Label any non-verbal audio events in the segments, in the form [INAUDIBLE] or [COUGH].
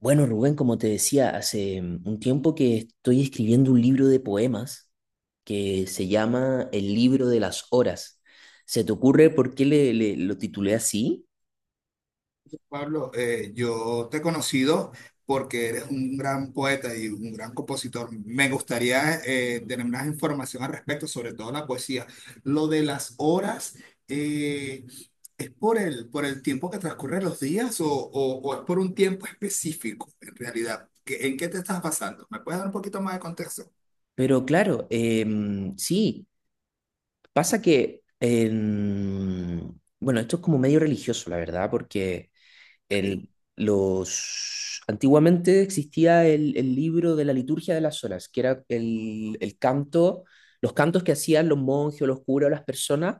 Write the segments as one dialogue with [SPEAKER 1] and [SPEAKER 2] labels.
[SPEAKER 1] Bueno, Rubén, como te decía, hace un tiempo que estoy escribiendo un libro de poemas que se llama El libro de las horas. ¿Se te ocurre por qué lo titulé así?
[SPEAKER 2] Pablo, yo te he conocido porque eres un gran poeta y un gran compositor. Me gustaría tener más información al respecto, sobre todo la poesía. Lo de las horas, eh, ¿es por el tiempo que transcurren los días o es por un tiempo específico en realidad? ¿En qué te estás basando? ¿Me puedes dar un poquito más de contexto?
[SPEAKER 1] Pero claro, sí, pasa que, bueno, esto es como medio religioso, la verdad, porque
[SPEAKER 2] Ok.
[SPEAKER 1] el- los, antiguamente existía el libro de la liturgia de las horas, que era el canto, los cantos que hacían los monjes, o los curas, o las personas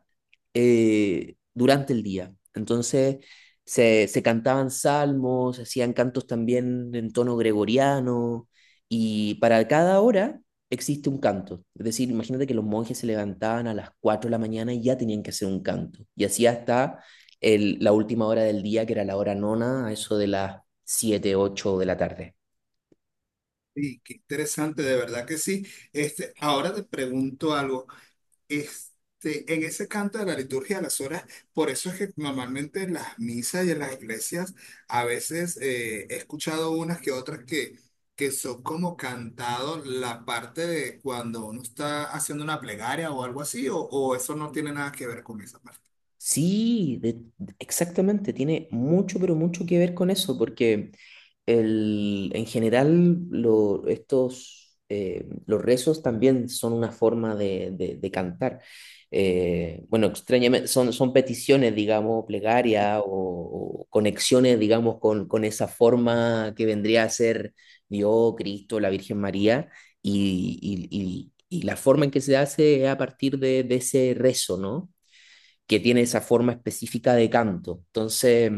[SPEAKER 1] durante el día. Entonces se cantaban salmos, se hacían cantos también en tono gregoriano, y para cada hora existe un canto. Es decir, imagínate que los monjes se levantaban a las 4 de la mañana y ya tenían que hacer un canto, y así hasta la última hora del día, que era la hora nona, a eso de las 7 8 de la tarde.
[SPEAKER 2] Sí, qué interesante, de verdad que sí. Este, ahora te pregunto algo. Este, en ese canto de la liturgia de las horas, por eso es que normalmente en las misas y en las iglesias a veces he escuchado unas que otras que son como cantado la parte de cuando uno está haciendo una plegaria o algo así, o eso no tiene nada que ver con esa parte.
[SPEAKER 1] Sí, exactamente, tiene mucho, pero mucho que ver con eso, porque en general estos, los rezos también son una forma de, de cantar. Bueno, extrañamente, son, son peticiones, digamos, plegaria o conexiones, digamos, con esa forma que vendría a ser Dios, Cristo, la Virgen María, y, y la forma en que se hace es a partir de ese rezo, ¿no? Que tiene esa forma específica de canto. Entonces,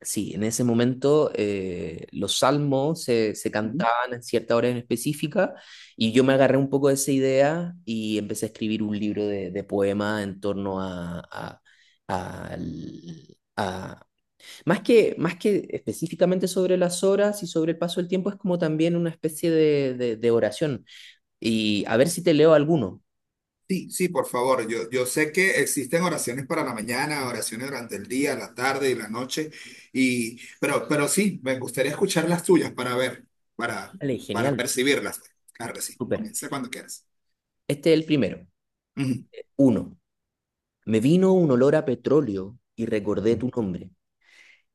[SPEAKER 1] sí, en ese momento los salmos se, se cantaban en cierta hora en específica y yo me agarré un poco de esa idea y empecé a escribir un libro de poemas en torno a, al- a- más que, más que específicamente sobre las horas y sobre el paso del tiempo, es como también una especie de, de oración. Y a ver si te leo alguno.
[SPEAKER 2] Sí, sí, por favor. Yo sé que existen oraciones para la mañana, oraciones durante el día, la tarde y la noche, y, pero sí, me gustaría escuchar las tuyas para ver, para,
[SPEAKER 1] Vale,
[SPEAKER 2] para
[SPEAKER 1] genial,
[SPEAKER 2] percibirlas. Claro que sí,
[SPEAKER 1] súper.
[SPEAKER 2] comienza cuando quieras.
[SPEAKER 1] Este es el primero.
[SPEAKER 2] Ujú.
[SPEAKER 1] Uno. Me vino un olor a petróleo y recordé tu nombre.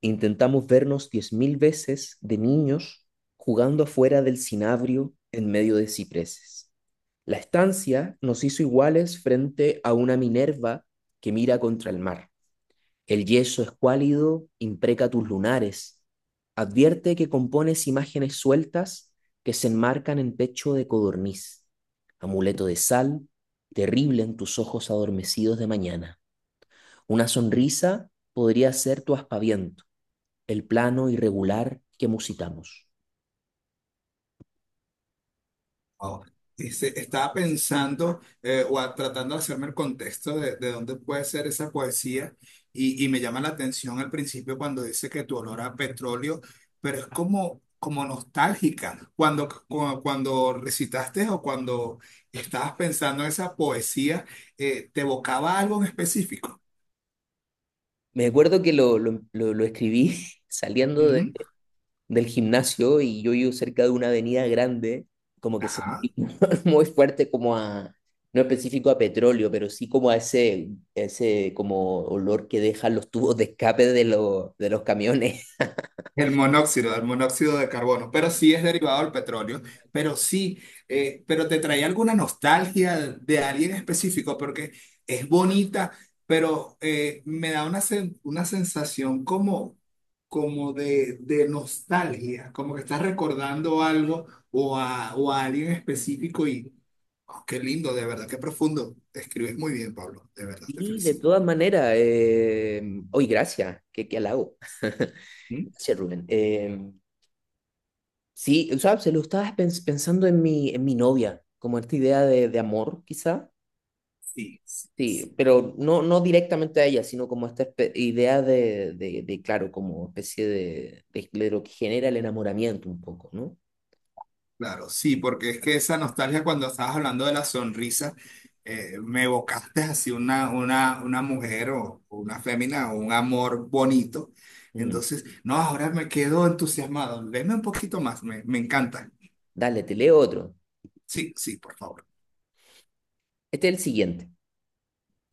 [SPEAKER 1] Intentamos vernos 10.000 veces de niños jugando afuera del cinabrio en medio de cipreses. La estancia nos hizo iguales frente a una Minerva que mira contra el mar. El yeso escuálido impreca tus lunares. Advierte que compones imágenes sueltas que se enmarcan en pecho de codorniz. Amuleto de sal, terrible en tus ojos adormecidos de mañana. Una sonrisa podría ser tu aspaviento, el plano irregular que musitamos.
[SPEAKER 2] Wow. Dice, estaba pensando tratando de hacerme el contexto de dónde puede ser esa poesía y me llama la atención al principio cuando dice que tu olor a petróleo, pero es como, como nostálgica. Cuando, cuando recitaste o cuando estabas pensando en esa poesía, ¿te evocaba algo en específico?
[SPEAKER 1] Me acuerdo que lo escribí [LAUGHS] saliendo
[SPEAKER 2] Ujú.
[SPEAKER 1] del gimnasio y yo vivo cerca de una avenida grande, como que
[SPEAKER 2] Ajá.
[SPEAKER 1] sentí [LAUGHS] muy fuerte como a, no específico a petróleo, pero sí como a ese, ese como olor que dejan los tubos de escape de los camiones. [LAUGHS]
[SPEAKER 2] El monóxido de carbono, pero sí es derivado del petróleo, pero sí, pero te trae alguna nostalgia de alguien específico porque es bonita, pero me da una, una sensación como, como de nostalgia, como que estás recordando algo o a alguien específico y oh, qué lindo, de verdad, qué profundo. Escribes muy bien, Pablo, de verdad, te
[SPEAKER 1] Sí, de
[SPEAKER 2] felicito.
[SPEAKER 1] todas maneras, hoy gracias, qué, qué halago. [LAUGHS]
[SPEAKER 2] ¿Mm?
[SPEAKER 1] Gracias, Rubén. Sí, o sea, se lo estaba pensando en mi novia, como esta idea de amor, quizá.
[SPEAKER 2] Sí, sí. Sí.
[SPEAKER 1] Sí, pero no, no directamente a ella, sino como esta idea de, claro, como especie de lo que genera el enamoramiento un poco, ¿no?
[SPEAKER 2] Claro, sí, porque es que esa nostalgia cuando estabas hablando de la sonrisa, me evocaste así una mujer o una fémina o un amor bonito.
[SPEAKER 1] Mm.
[SPEAKER 2] Entonces, no, ahora me quedo entusiasmado. Deme un poquito más, me encanta.
[SPEAKER 1] Dale, te leo otro.
[SPEAKER 2] Sí, sí, por favor.
[SPEAKER 1] Este es el siguiente.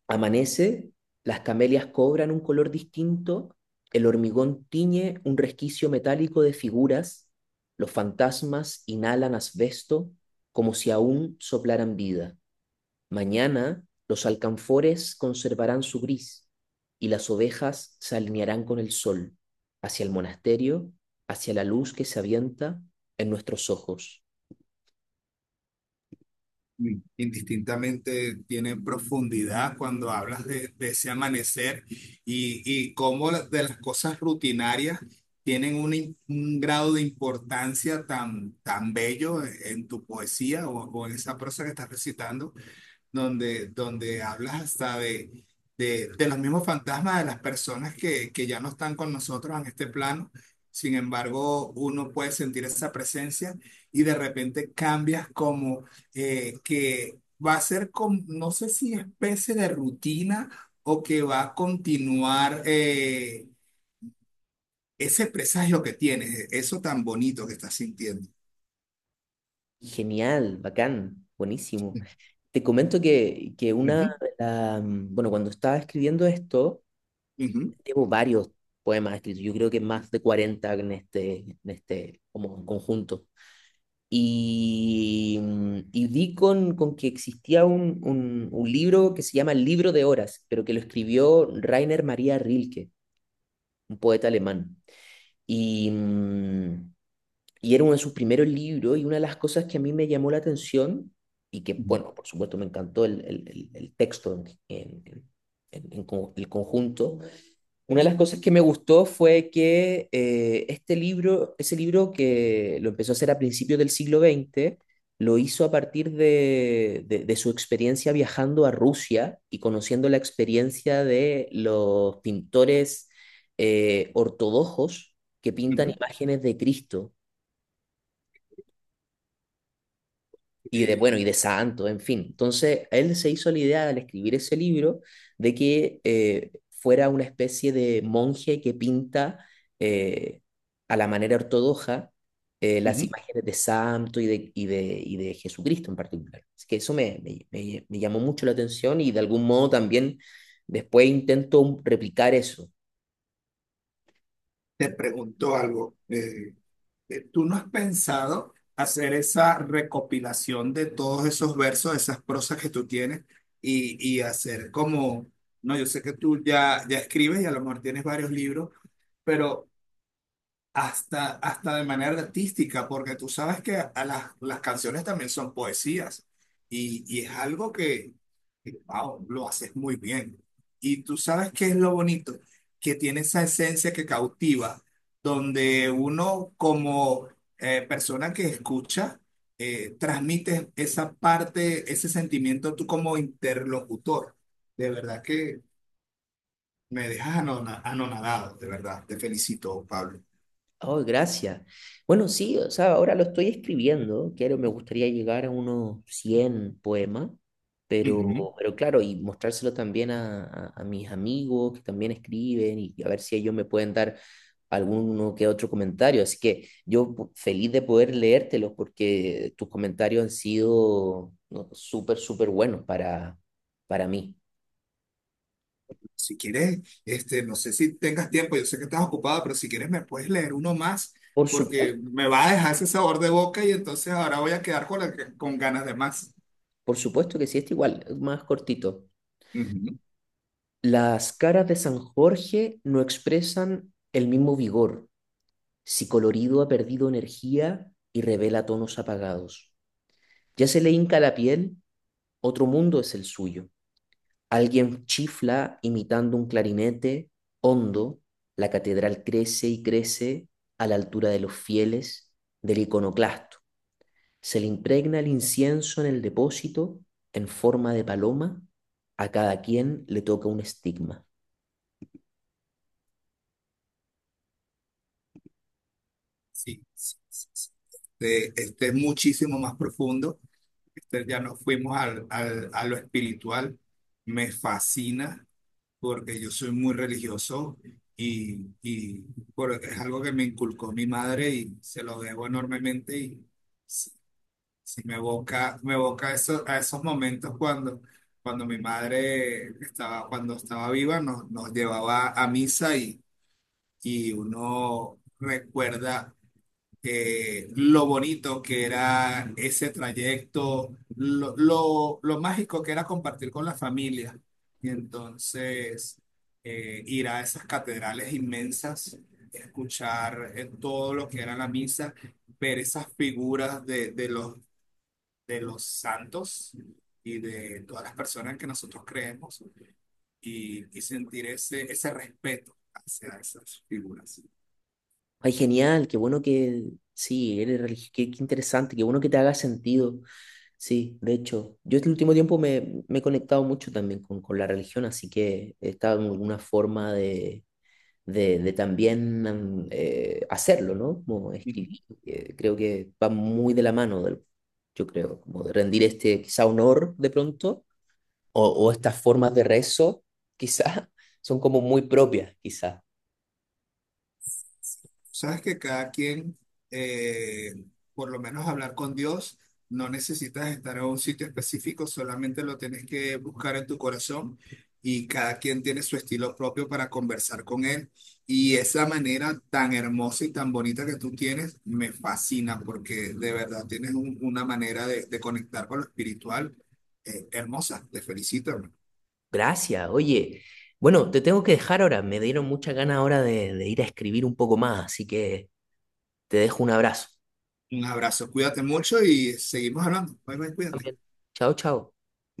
[SPEAKER 1] Amanece, las camelias cobran un color distinto, el hormigón tiñe un resquicio metálico de figuras, los fantasmas inhalan asbesto como si aún soplaran vida. Mañana los alcanfores conservarán su gris y las ovejas se alinearán con el sol, hacia el monasterio, hacia la luz que se avienta en nuestros ojos.
[SPEAKER 2] Mm. Indistintamente tiene profundidad cuando hablas de ese amanecer y cómo de las cosas rutinarias tienen un, un grado de importancia tan, tan bello en tu poesía o en esa prosa que estás recitando donde, donde hablas hasta de los mismos fantasmas de las personas que ya no están con nosotros en este plano. Sin embargo, uno puede sentir esa presencia y de repente cambias como que va a ser como, no sé si especie de rutina o que va a continuar ese presagio que tienes, eso tan bonito que estás sintiendo.
[SPEAKER 1] Genial, bacán, buenísimo. Te comento que una,
[SPEAKER 2] Ujú,
[SPEAKER 1] bueno, cuando estaba escribiendo esto,
[SPEAKER 2] ujú,
[SPEAKER 1] llevo varios poemas escritos, yo creo que más de 40 en este como conjunto. Y, y di con que existía un, un libro que se llama El libro de horas, pero que lo escribió Rainer Maria Rilke, un poeta alemán. Y, y era uno de sus primeros libros y una de las cosas que a mí me llamó la atención y que,
[SPEAKER 2] ujú,
[SPEAKER 1] bueno, por supuesto me encantó el, el texto en, el conjunto, una de las cosas que me gustó fue que este libro, ese libro que lo empezó a hacer a principios del siglo XX, lo hizo a partir de, de su experiencia viajando a Rusia y conociendo la experiencia de los pintores ortodoxos que pintan
[SPEAKER 2] ujú,
[SPEAKER 1] imágenes de Cristo. Y de
[SPEAKER 2] ok.
[SPEAKER 1] bueno, y de santo, en fin. Entonces, a él se hizo la idea al escribir ese libro de que fuera una especie de monje que pinta eh, a la manera ortodoxa las
[SPEAKER 2] Ujú.
[SPEAKER 1] imágenes de santo y de, y de, y de Jesucristo en particular. Así que eso me llamó mucho la atención y de algún modo también después intento replicar eso.
[SPEAKER 2] Te pregunto algo. ¿Tú no has pensado hacer esa recopilación de todos esos versos, esas prosas que tú tienes y hacer como, no, yo sé que tú ya, ya escribes y a lo mejor tienes varios libros, pero hasta, hasta de manera artística, porque tú sabes que a las canciones también son poesías y es algo que, wow, lo haces muy bien. Y tú sabes qué es lo bonito, que tiene esa esencia que cautiva, donde uno como persona que escucha, transmite esa parte, ese sentimiento tú como interlocutor. De verdad que me dejas anonadado, de verdad. Te felicito, Pablo.
[SPEAKER 1] Oh, gracias. Bueno, sí, o sea, ahora lo estoy escribiendo. Quiero, me gustaría llegar a unos 100 poemas,
[SPEAKER 2] Ujú.
[SPEAKER 1] pero claro, y mostrárselo también a, a mis amigos que también escriben y a ver si ellos me pueden dar alguno que otro comentario. Así que yo feliz de poder leértelos porque tus comentarios han sido no, súper, súper buenos para mí.
[SPEAKER 2] Si quieres, este, no sé si tengas tiempo, yo sé que estás ocupada, pero si quieres me puedes leer uno más,
[SPEAKER 1] Por supuesto,
[SPEAKER 2] porque me va a dejar ese sabor de boca y entonces ahora voy a quedar con, con ganas de más.
[SPEAKER 1] por supuesto que sí, es igual, más cortito.
[SPEAKER 2] Ujú.
[SPEAKER 1] Las caras de San Jorge no expresan el mismo vigor, si colorido ha perdido energía y revela tonos apagados. Ya se le hinca la piel, otro mundo es el suyo. Alguien chifla imitando un clarinete, hondo, la catedral crece y crece a la altura de los fieles, del iconoclasto. Se le impregna el incienso en el depósito en forma de paloma, a cada quien le toca un estigma.
[SPEAKER 2] Sí, sí, sí, sí. Este es muchísimo más profundo. Este, ya nos fuimos al, a lo espiritual. Me fascina porque yo soy muy religioso y porque es algo que me inculcó mi madre y se lo debo enormemente. Y sí, me evoca eso, a esos momentos cuando, cuando mi madre estaba, cuando estaba viva, nos, nos llevaba a misa y uno recuerda lo bonito que era ese trayecto, lo mágico que era compartir con la familia. Y entonces ir a esas catedrales inmensas, escuchar todo lo que era la misa, ver esas figuras de los santos y de todas las personas que nosotros creemos y sentir ese, ese respeto hacia esas figuras.
[SPEAKER 1] Ay, genial, qué bueno que, sí, eres religioso, qué, qué interesante, qué bueno que te haga sentido. Sí, de hecho, yo este último tiempo me, me he conectado mucho también con la religión, así que he estado en alguna forma de también am, hacerlo, ¿no? Como
[SPEAKER 2] Ujú.
[SPEAKER 1] escribir, creo que va muy de la mano, del, yo creo, como de rendir este quizá honor de pronto, o estas formas de rezo, quizá, [LAUGHS] son como muy propias, quizá.
[SPEAKER 2] Sabes que cada quien, eh, por lo menos hablar con Dios, no necesitas estar a un sitio específico, solamente lo tienes que buscar en tu corazón y cada quien tiene su estilo propio para conversar con Él. Y esa manera tan hermosa y tan bonita que tú tienes me fascina porque de verdad tienes una manera de conectar con lo espiritual, hermosa. Te felicito, hermano.
[SPEAKER 1] Gracias, oye. Bueno, te tengo que dejar ahora. Me dieron muchas ganas ahora de ir a escribir un poco más, así que te dejo un abrazo.
[SPEAKER 2] Un abrazo, cuídate mucho y seguimos hablando. Bye, bye, cuídate.
[SPEAKER 1] También. Chao, chao.